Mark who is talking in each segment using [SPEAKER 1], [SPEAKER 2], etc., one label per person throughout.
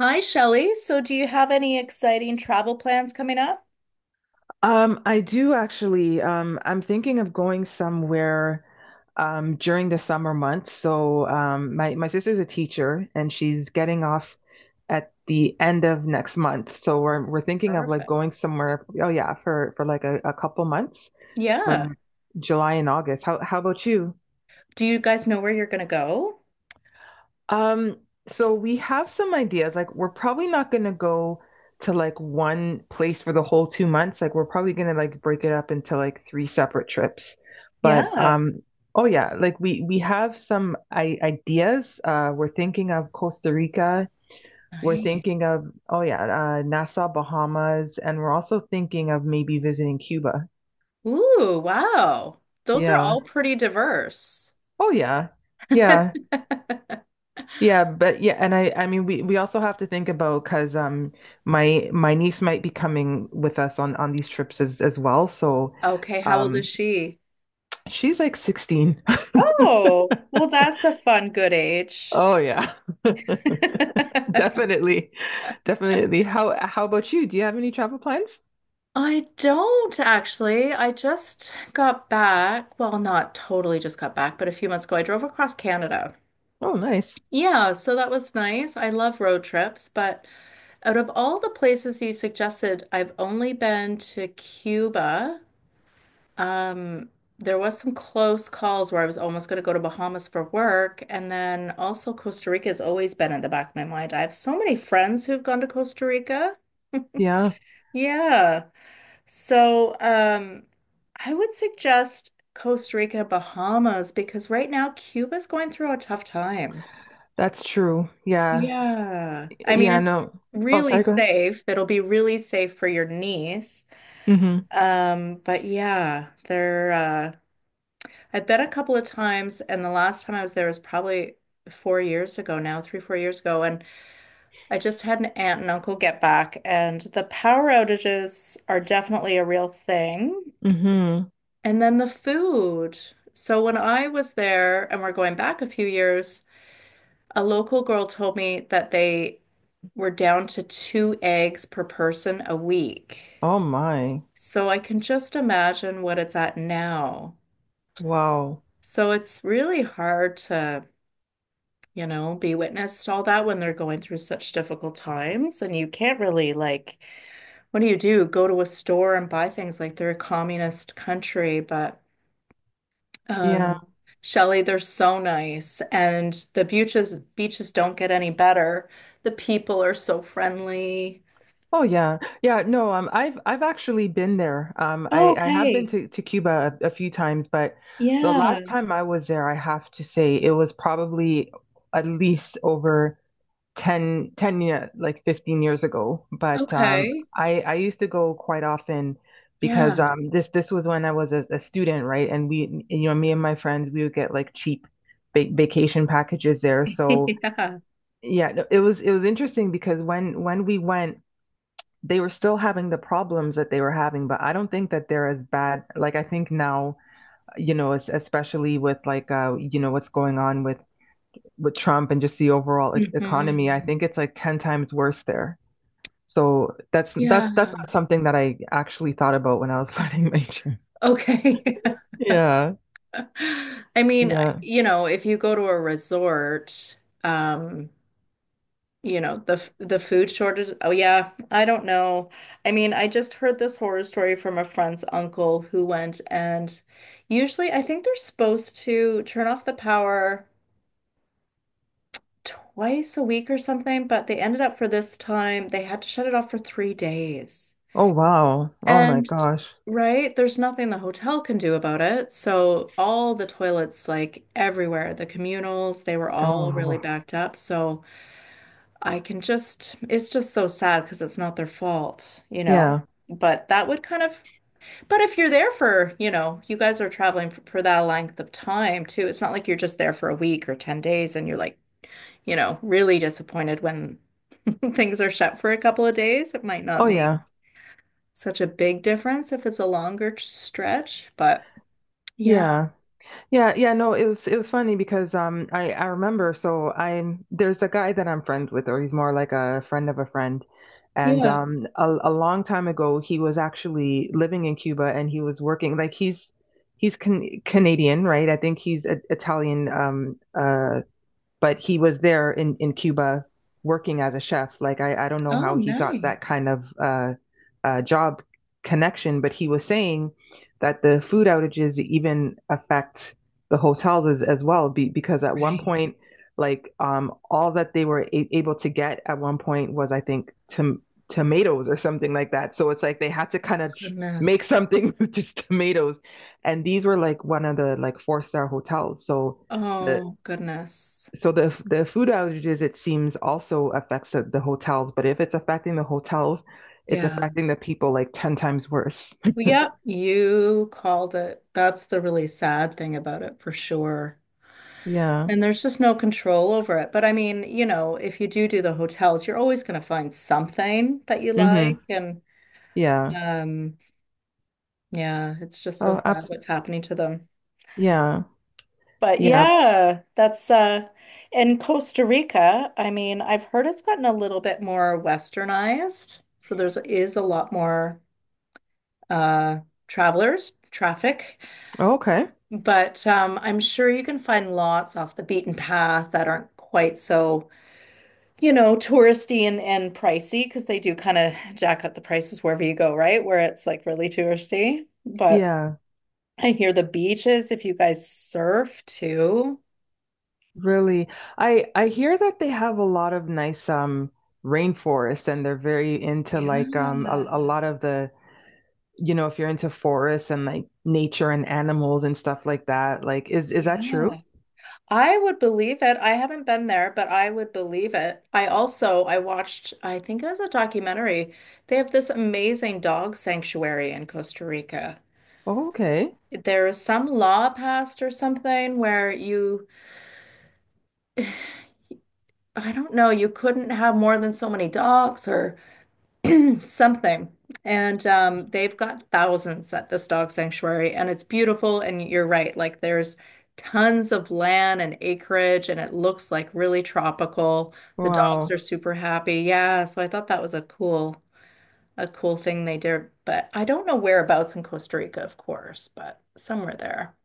[SPEAKER 1] Hi, Shelley. So, do you have any exciting travel plans coming up?
[SPEAKER 2] I do actually. I'm thinking of going somewhere during the summer months. So my sister's a teacher, and she's getting off at the end of next month. So we're thinking of like
[SPEAKER 1] Perfect.
[SPEAKER 2] going somewhere. Oh yeah, for like a couple months
[SPEAKER 1] Yeah.
[SPEAKER 2] for July and August. How about you?
[SPEAKER 1] Do you guys know where you're going to go?
[SPEAKER 2] Um, so we have some ideas. Like we're probably not gonna go to like one place for the whole 2 months. Like we're probably gonna like break it up into like three separate trips. But
[SPEAKER 1] Yeah.
[SPEAKER 2] um, oh yeah, like we have some I ideas. We're thinking of Costa Rica. We're
[SPEAKER 1] Nice.
[SPEAKER 2] thinking of oh yeah, Nassau, Bahamas, and we're also thinking of maybe visiting Cuba.
[SPEAKER 1] Ooh, wow. Those are
[SPEAKER 2] Yeah.
[SPEAKER 1] all pretty diverse.
[SPEAKER 2] Oh yeah. Yeah. Yeah, but yeah, and I mean we also have to think about because my niece might be coming with us on these trips as well. So
[SPEAKER 1] Okay, how old is
[SPEAKER 2] um
[SPEAKER 1] she?
[SPEAKER 2] she's like 16.
[SPEAKER 1] Oh, well, that's a fun, good age.
[SPEAKER 2] Oh yeah. Definitely. Definitely. How about you? Do you have any travel plans?
[SPEAKER 1] I don't actually. I just got back. Well, not totally just got back, but a few months ago, I drove across Canada.
[SPEAKER 2] Oh, nice.
[SPEAKER 1] Yeah, so that was nice. I love road trips, but out of all the places you suggested, I've only been to Cuba. Um, there was some close calls where I was almost going to go to Bahamas for work, and then also Costa Rica has always been in the back of my mind. I have so many friends who've gone to Costa Rica.
[SPEAKER 2] Yeah,
[SPEAKER 1] Yeah. So, I would suggest Costa Rica, Bahamas because right now Cuba's going through a tough time.
[SPEAKER 2] that's true. Yeah.
[SPEAKER 1] Yeah. I mean,
[SPEAKER 2] Yeah,
[SPEAKER 1] it's
[SPEAKER 2] no. Oh,
[SPEAKER 1] really
[SPEAKER 2] sorry, go ahead.
[SPEAKER 1] safe. It'll be really safe for your niece.
[SPEAKER 2] Mm-hmm.
[SPEAKER 1] But yeah, they're I've been a couple of times, and the last time I was there was probably 4 years ago now, 3, 4 years ago, and I just had an aunt and uncle get back, and the power outages are definitely a real thing.
[SPEAKER 2] Mm-hmm.
[SPEAKER 1] And then the food. So when I was there, and we're going back a few years, a local girl told me that they we're down to two eggs per person a week.
[SPEAKER 2] Oh my.
[SPEAKER 1] So I can just imagine what it's at now.
[SPEAKER 2] Wow.
[SPEAKER 1] So it's really hard to, you know, be witness to all that when they're going through such difficult times. And you can't really, like, what do you do? Go to a store and buy things like they're a communist country. But,
[SPEAKER 2] Yeah.
[SPEAKER 1] um, Shelley, they're so nice. And the beaches, beaches don't get any better. The people are so friendly.
[SPEAKER 2] Oh yeah. Yeah, no, I've actually been there.
[SPEAKER 1] Oh,
[SPEAKER 2] I have been
[SPEAKER 1] okay.
[SPEAKER 2] to Cuba a few times, but the last
[SPEAKER 1] Yeah.
[SPEAKER 2] time I was there, I have to say it was probably at least over ten ten 10, like 15 years ago, but
[SPEAKER 1] Okay.
[SPEAKER 2] I used to go quite often because
[SPEAKER 1] Yeah.
[SPEAKER 2] this was when I was a student, right? And we me and my friends we would get like cheap va vacation packages there. So
[SPEAKER 1] Yeah.
[SPEAKER 2] yeah, no, it was interesting because when we went they were still having the problems that they were having, but I don't think that they're as bad. Like I think now, you know, especially with like you know, what's going on with Trump and just the overall economy, I
[SPEAKER 1] Hmm.
[SPEAKER 2] think it's like 10 times worse there. So that's
[SPEAKER 1] Yeah.
[SPEAKER 2] that's that's not something that I actually thought about when I was planning my trip.
[SPEAKER 1] Okay.
[SPEAKER 2] Yeah,
[SPEAKER 1] I mean,
[SPEAKER 2] yeah.
[SPEAKER 1] you know, if you go to a resort, um, you know, the food shortage. Oh yeah, I don't know. I mean, I just heard this horror story from a friend's uncle who went, and usually I think they're supposed to turn off the power twice a week or something, but they ended up for this time, they had to shut it off for 3 days.
[SPEAKER 2] Oh wow. Oh my
[SPEAKER 1] And
[SPEAKER 2] gosh.
[SPEAKER 1] right, there's nothing the hotel can do about it. So all the toilets, like everywhere, the communals, they were all really
[SPEAKER 2] Oh
[SPEAKER 1] backed up. So I can just, it's just so sad because it's not their fault, you know?
[SPEAKER 2] yeah.
[SPEAKER 1] But that would kind of, but if you're there for, you know, you guys are traveling for, that length of time too, it's not like you're just there for a week or 10 days and you're like, you know, really disappointed when things are shut for a couple of days. It might not
[SPEAKER 2] Oh
[SPEAKER 1] make
[SPEAKER 2] yeah.
[SPEAKER 1] such a big difference if it's a longer stretch, but yeah,
[SPEAKER 2] Yeah. Yeah, yeah, no, it was funny because I remember, so I'm there's a guy that I'm friends with, or he's more like a friend of a friend, and
[SPEAKER 1] yeah.
[SPEAKER 2] a long time ago he was actually living in Cuba and he was working, like he's Canadian, right? I think he's Italian but he was there in Cuba working as a chef. Like I don't know
[SPEAKER 1] Oh,
[SPEAKER 2] how he got that
[SPEAKER 1] nice.
[SPEAKER 2] kind of job connection, but he was saying that the food outages even affect the hotels as well, because at one
[SPEAKER 1] Right.
[SPEAKER 2] point, all that they were able to get at one point was, I think, to tomatoes or something like that. So it's like they had to kind of
[SPEAKER 1] Goodness.
[SPEAKER 2] make something with just tomatoes, and these were like one of the like four-star hotels. So the
[SPEAKER 1] Oh, goodness.
[SPEAKER 2] the food outages, it seems, also affects the hotels. But if it's affecting the hotels, it's
[SPEAKER 1] Yeah.
[SPEAKER 2] affecting the people like 10 times worse.
[SPEAKER 1] Well, yep, you called it. That's the really sad thing about it for sure.
[SPEAKER 2] Yeah.
[SPEAKER 1] And there's just no control over it. But I mean, you know, if you do the hotels, you're always going to find something that you
[SPEAKER 2] Mm-hmm.
[SPEAKER 1] like. And
[SPEAKER 2] Yeah.
[SPEAKER 1] um, yeah, it's just so
[SPEAKER 2] Oh,
[SPEAKER 1] sad
[SPEAKER 2] abs
[SPEAKER 1] what's happening to them.
[SPEAKER 2] yeah.
[SPEAKER 1] But
[SPEAKER 2] Yeah.
[SPEAKER 1] yeah, that's in Costa Rica, I mean, I've heard it's gotten a little bit more westernized. So there's is a lot more uh travelers, traffic.
[SPEAKER 2] Okay.
[SPEAKER 1] But I'm sure you can find lots off the beaten path that aren't quite so, you know, touristy and, pricey, because they do kind of jack up the prices wherever you go, right? Where it's like really touristy. But
[SPEAKER 2] Yeah.
[SPEAKER 1] I hear the beaches, if you guys surf too.
[SPEAKER 2] Really. I hear that they have a lot of nice rainforest, and they're very into
[SPEAKER 1] Yeah,
[SPEAKER 2] like a lot of the, you know, if you're into forests and like nature and animals and stuff like that, like is that true?
[SPEAKER 1] yeah. I would believe it. I haven't been there, but I would believe it. I also I watched, I think it was a documentary. They have this amazing dog sanctuary in Costa Rica.
[SPEAKER 2] Oh, okay.
[SPEAKER 1] There is some law passed or something where you, I don't know, you couldn't have more than so many dogs or something. And they've got thousands at this dog sanctuary, and it's beautiful. And you're right, like there's tons of land and acreage, and it looks like really tropical. The dogs are
[SPEAKER 2] Wow.
[SPEAKER 1] super happy. Yeah, so I thought that was a cool thing they did. But I don't know whereabouts in Costa Rica, of course, but somewhere there.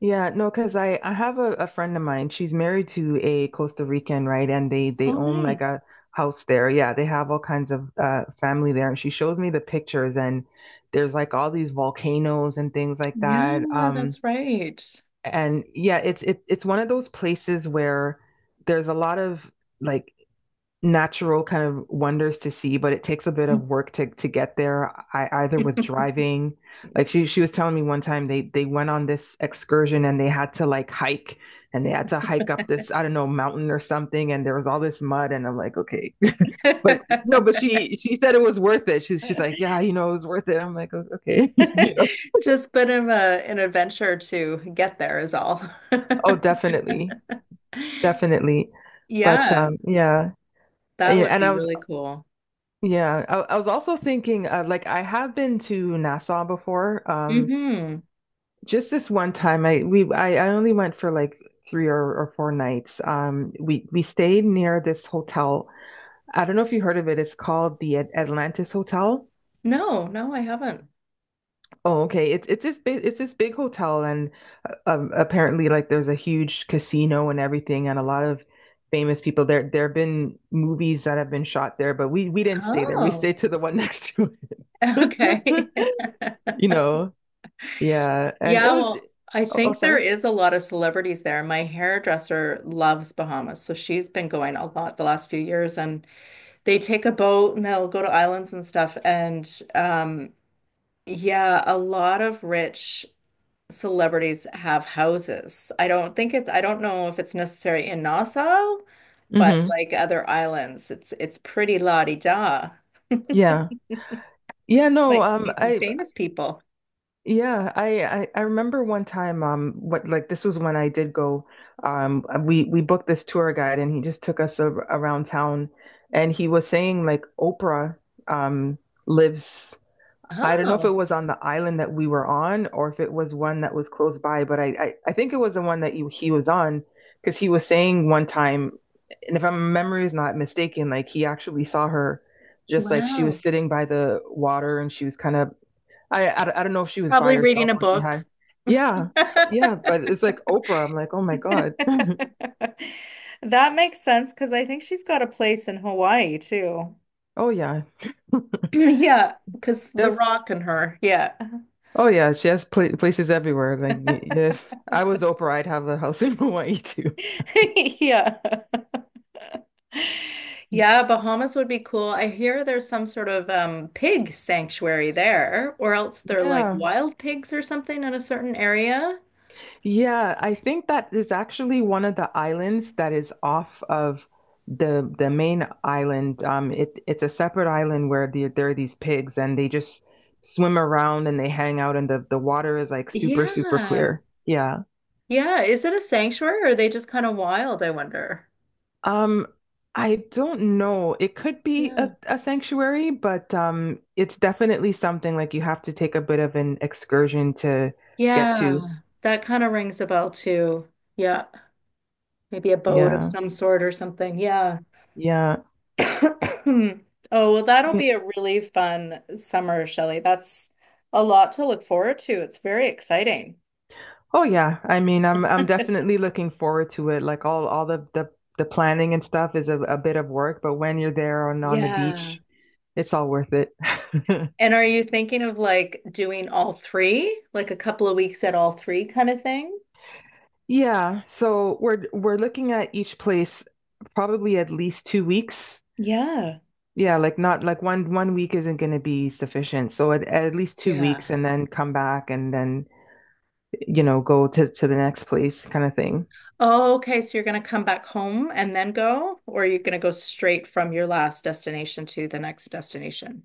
[SPEAKER 2] Yeah, no, because I have a friend of mine. She's married to a Costa Rican, right? And they
[SPEAKER 1] Oh,
[SPEAKER 2] own like
[SPEAKER 1] nice.
[SPEAKER 2] a house there. Yeah, they have all kinds of family there. And she shows me the pictures, and there's like all these volcanoes and things like that.
[SPEAKER 1] Yeah,
[SPEAKER 2] Um,
[SPEAKER 1] that's right.
[SPEAKER 2] and yeah, it's one of those places where there's a lot of like natural kind of wonders to see, but it takes a bit of work to get there. I Either with driving, like she was telling me one time they went on this excursion and they had to like hike, and they had to hike up this, I don't know, mountain or something, and there was all this mud, and I'm like, okay, but no, but she said it was worth it. She's like, yeah, you know it was worth it. I'm like, "Oh, okay, you know,
[SPEAKER 1] Just bit of an adventure to get there is all.
[SPEAKER 2] oh, definitely, definitely, but
[SPEAKER 1] Yeah,
[SPEAKER 2] um yeah."
[SPEAKER 1] that
[SPEAKER 2] Yeah,
[SPEAKER 1] would
[SPEAKER 2] and
[SPEAKER 1] be
[SPEAKER 2] I was
[SPEAKER 1] really cool.
[SPEAKER 2] yeah, I was also thinking, like, I have been to Nassau before.
[SPEAKER 1] Hmm.
[SPEAKER 2] Just this one time, I only went for like three or four nights. We stayed near this hotel. I don't know if you heard of it. It's called the Atlantis Hotel.
[SPEAKER 1] No, no, I haven't.
[SPEAKER 2] Oh, okay. It's this big hotel, and apparently like there's a huge casino and everything, and a lot of famous people there. There have been movies that have been shot there, but we didn't stay there. We
[SPEAKER 1] Oh,
[SPEAKER 2] stayed to the one next to it.
[SPEAKER 1] okay.
[SPEAKER 2] You know. Yeah, and it
[SPEAKER 1] Yeah,
[SPEAKER 2] was
[SPEAKER 1] well, I
[SPEAKER 2] oh, oh
[SPEAKER 1] think there
[SPEAKER 2] sorry.
[SPEAKER 1] is a lot of celebrities there. My hairdresser loves Bahamas, so she's been going a lot the last few years, and they take a boat and they'll go to islands and stuff. And yeah, a lot of rich celebrities have houses. I don't think it's, I don't know if it's necessary in Nassau, but
[SPEAKER 2] Hmm.
[SPEAKER 1] like other islands, it's pretty la-di-da.
[SPEAKER 2] Yeah. Yeah, no,
[SPEAKER 1] Might see some
[SPEAKER 2] I,
[SPEAKER 1] famous people.
[SPEAKER 2] yeah, I remember one time, what like, this was when I did go, we booked this tour guide and he just took us around town, and he was saying like Oprah um lives, I don't know if it
[SPEAKER 1] Oh,
[SPEAKER 2] was on the island that we were on or if it was one that was close by, but I think it was the one that he was on, because he was saying one time, and if my memory is not mistaken, like he actually saw her, just like she was
[SPEAKER 1] wow.
[SPEAKER 2] sitting by the water and she was kind of, I don't know if she was by
[SPEAKER 1] Probably reading
[SPEAKER 2] herself
[SPEAKER 1] a
[SPEAKER 2] or she
[SPEAKER 1] book.
[SPEAKER 2] had. Yeah, yeah, but it's like Oprah. I'm like, oh my God.
[SPEAKER 1] That makes sense because I think she's got a place in Hawaii too.
[SPEAKER 2] Oh yeah.
[SPEAKER 1] Yeah, because The
[SPEAKER 2] Yes.
[SPEAKER 1] Rock and her. Yeah.
[SPEAKER 2] Oh yeah, she has places everywhere. Like if I was Oprah, I'd have a house in Hawaii too.
[SPEAKER 1] Yeah. Yeah, Bahamas would be cool. I hear there's some sort of pig sanctuary there, or else they're like
[SPEAKER 2] Yeah.
[SPEAKER 1] wild pigs or something in a certain area.
[SPEAKER 2] Yeah, I think that is actually one of the islands that is off of the main island. It's a separate island where there are these pigs and they just swim around and they hang out, and the water is like super super
[SPEAKER 1] Yeah.
[SPEAKER 2] clear. Yeah.
[SPEAKER 1] Yeah. Is it a sanctuary, or are they just kind of wild, I wonder?
[SPEAKER 2] Um, I don't know. It could be
[SPEAKER 1] Yeah.
[SPEAKER 2] a sanctuary, but it's definitely something like you have to take a bit of an excursion to get to.
[SPEAKER 1] Yeah. That kind of rings a bell too. Yeah. Maybe a boat of
[SPEAKER 2] Yeah.
[SPEAKER 1] some sort or something. Yeah.
[SPEAKER 2] Yeah.
[SPEAKER 1] Oh, well, that'll be a really fun summer, Shelley. That's a lot to look forward to. It's very exciting.
[SPEAKER 2] Oh yeah, I mean, I'm definitely looking forward to it. Like all the planning and stuff is a bit of work, but when you're there on the
[SPEAKER 1] Yeah.
[SPEAKER 2] beach, it's all worth it.
[SPEAKER 1] And are you thinking of like doing all three, like a couple of weeks at all three kind of thing?
[SPEAKER 2] Yeah, so we're looking at each place probably at least 2 weeks.
[SPEAKER 1] Yeah.
[SPEAKER 2] Yeah, like, not like one week isn't going to be sufficient. So at least two
[SPEAKER 1] Yeah.
[SPEAKER 2] weeks and then come back and then go to the next place kind of thing.
[SPEAKER 1] Oh, okay. So you're going to come back home and then go, or are you going to go straight from your last destination to the next destination?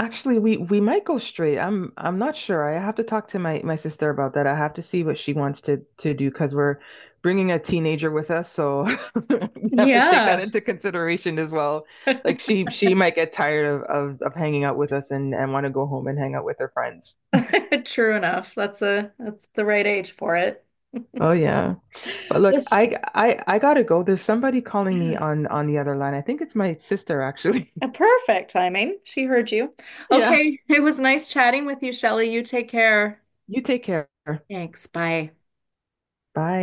[SPEAKER 2] Actually, we might go straight. I'm not sure. I have to talk to my sister about that. I have to see what she wants to do, because we're bringing a teenager with us, so we have to take that
[SPEAKER 1] Yeah.
[SPEAKER 2] into consideration as well. Like she might get tired of hanging out with us, and want to go home and hang out with her friends.
[SPEAKER 1] True enough. That's a that's the right age for it.
[SPEAKER 2] Oh yeah. But look,
[SPEAKER 1] Yes.
[SPEAKER 2] I gotta go. There's somebody calling me
[SPEAKER 1] Yeah.
[SPEAKER 2] on the other line. I think it's my sister actually.
[SPEAKER 1] Perfect timing. She heard you.
[SPEAKER 2] Yeah.
[SPEAKER 1] Okay. It was nice chatting with you, Shelley. You take care.
[SPEAKER 2] You take care.
[SPEAKER 1] Thanks. Bye.
[SPEAKER 2] Bye.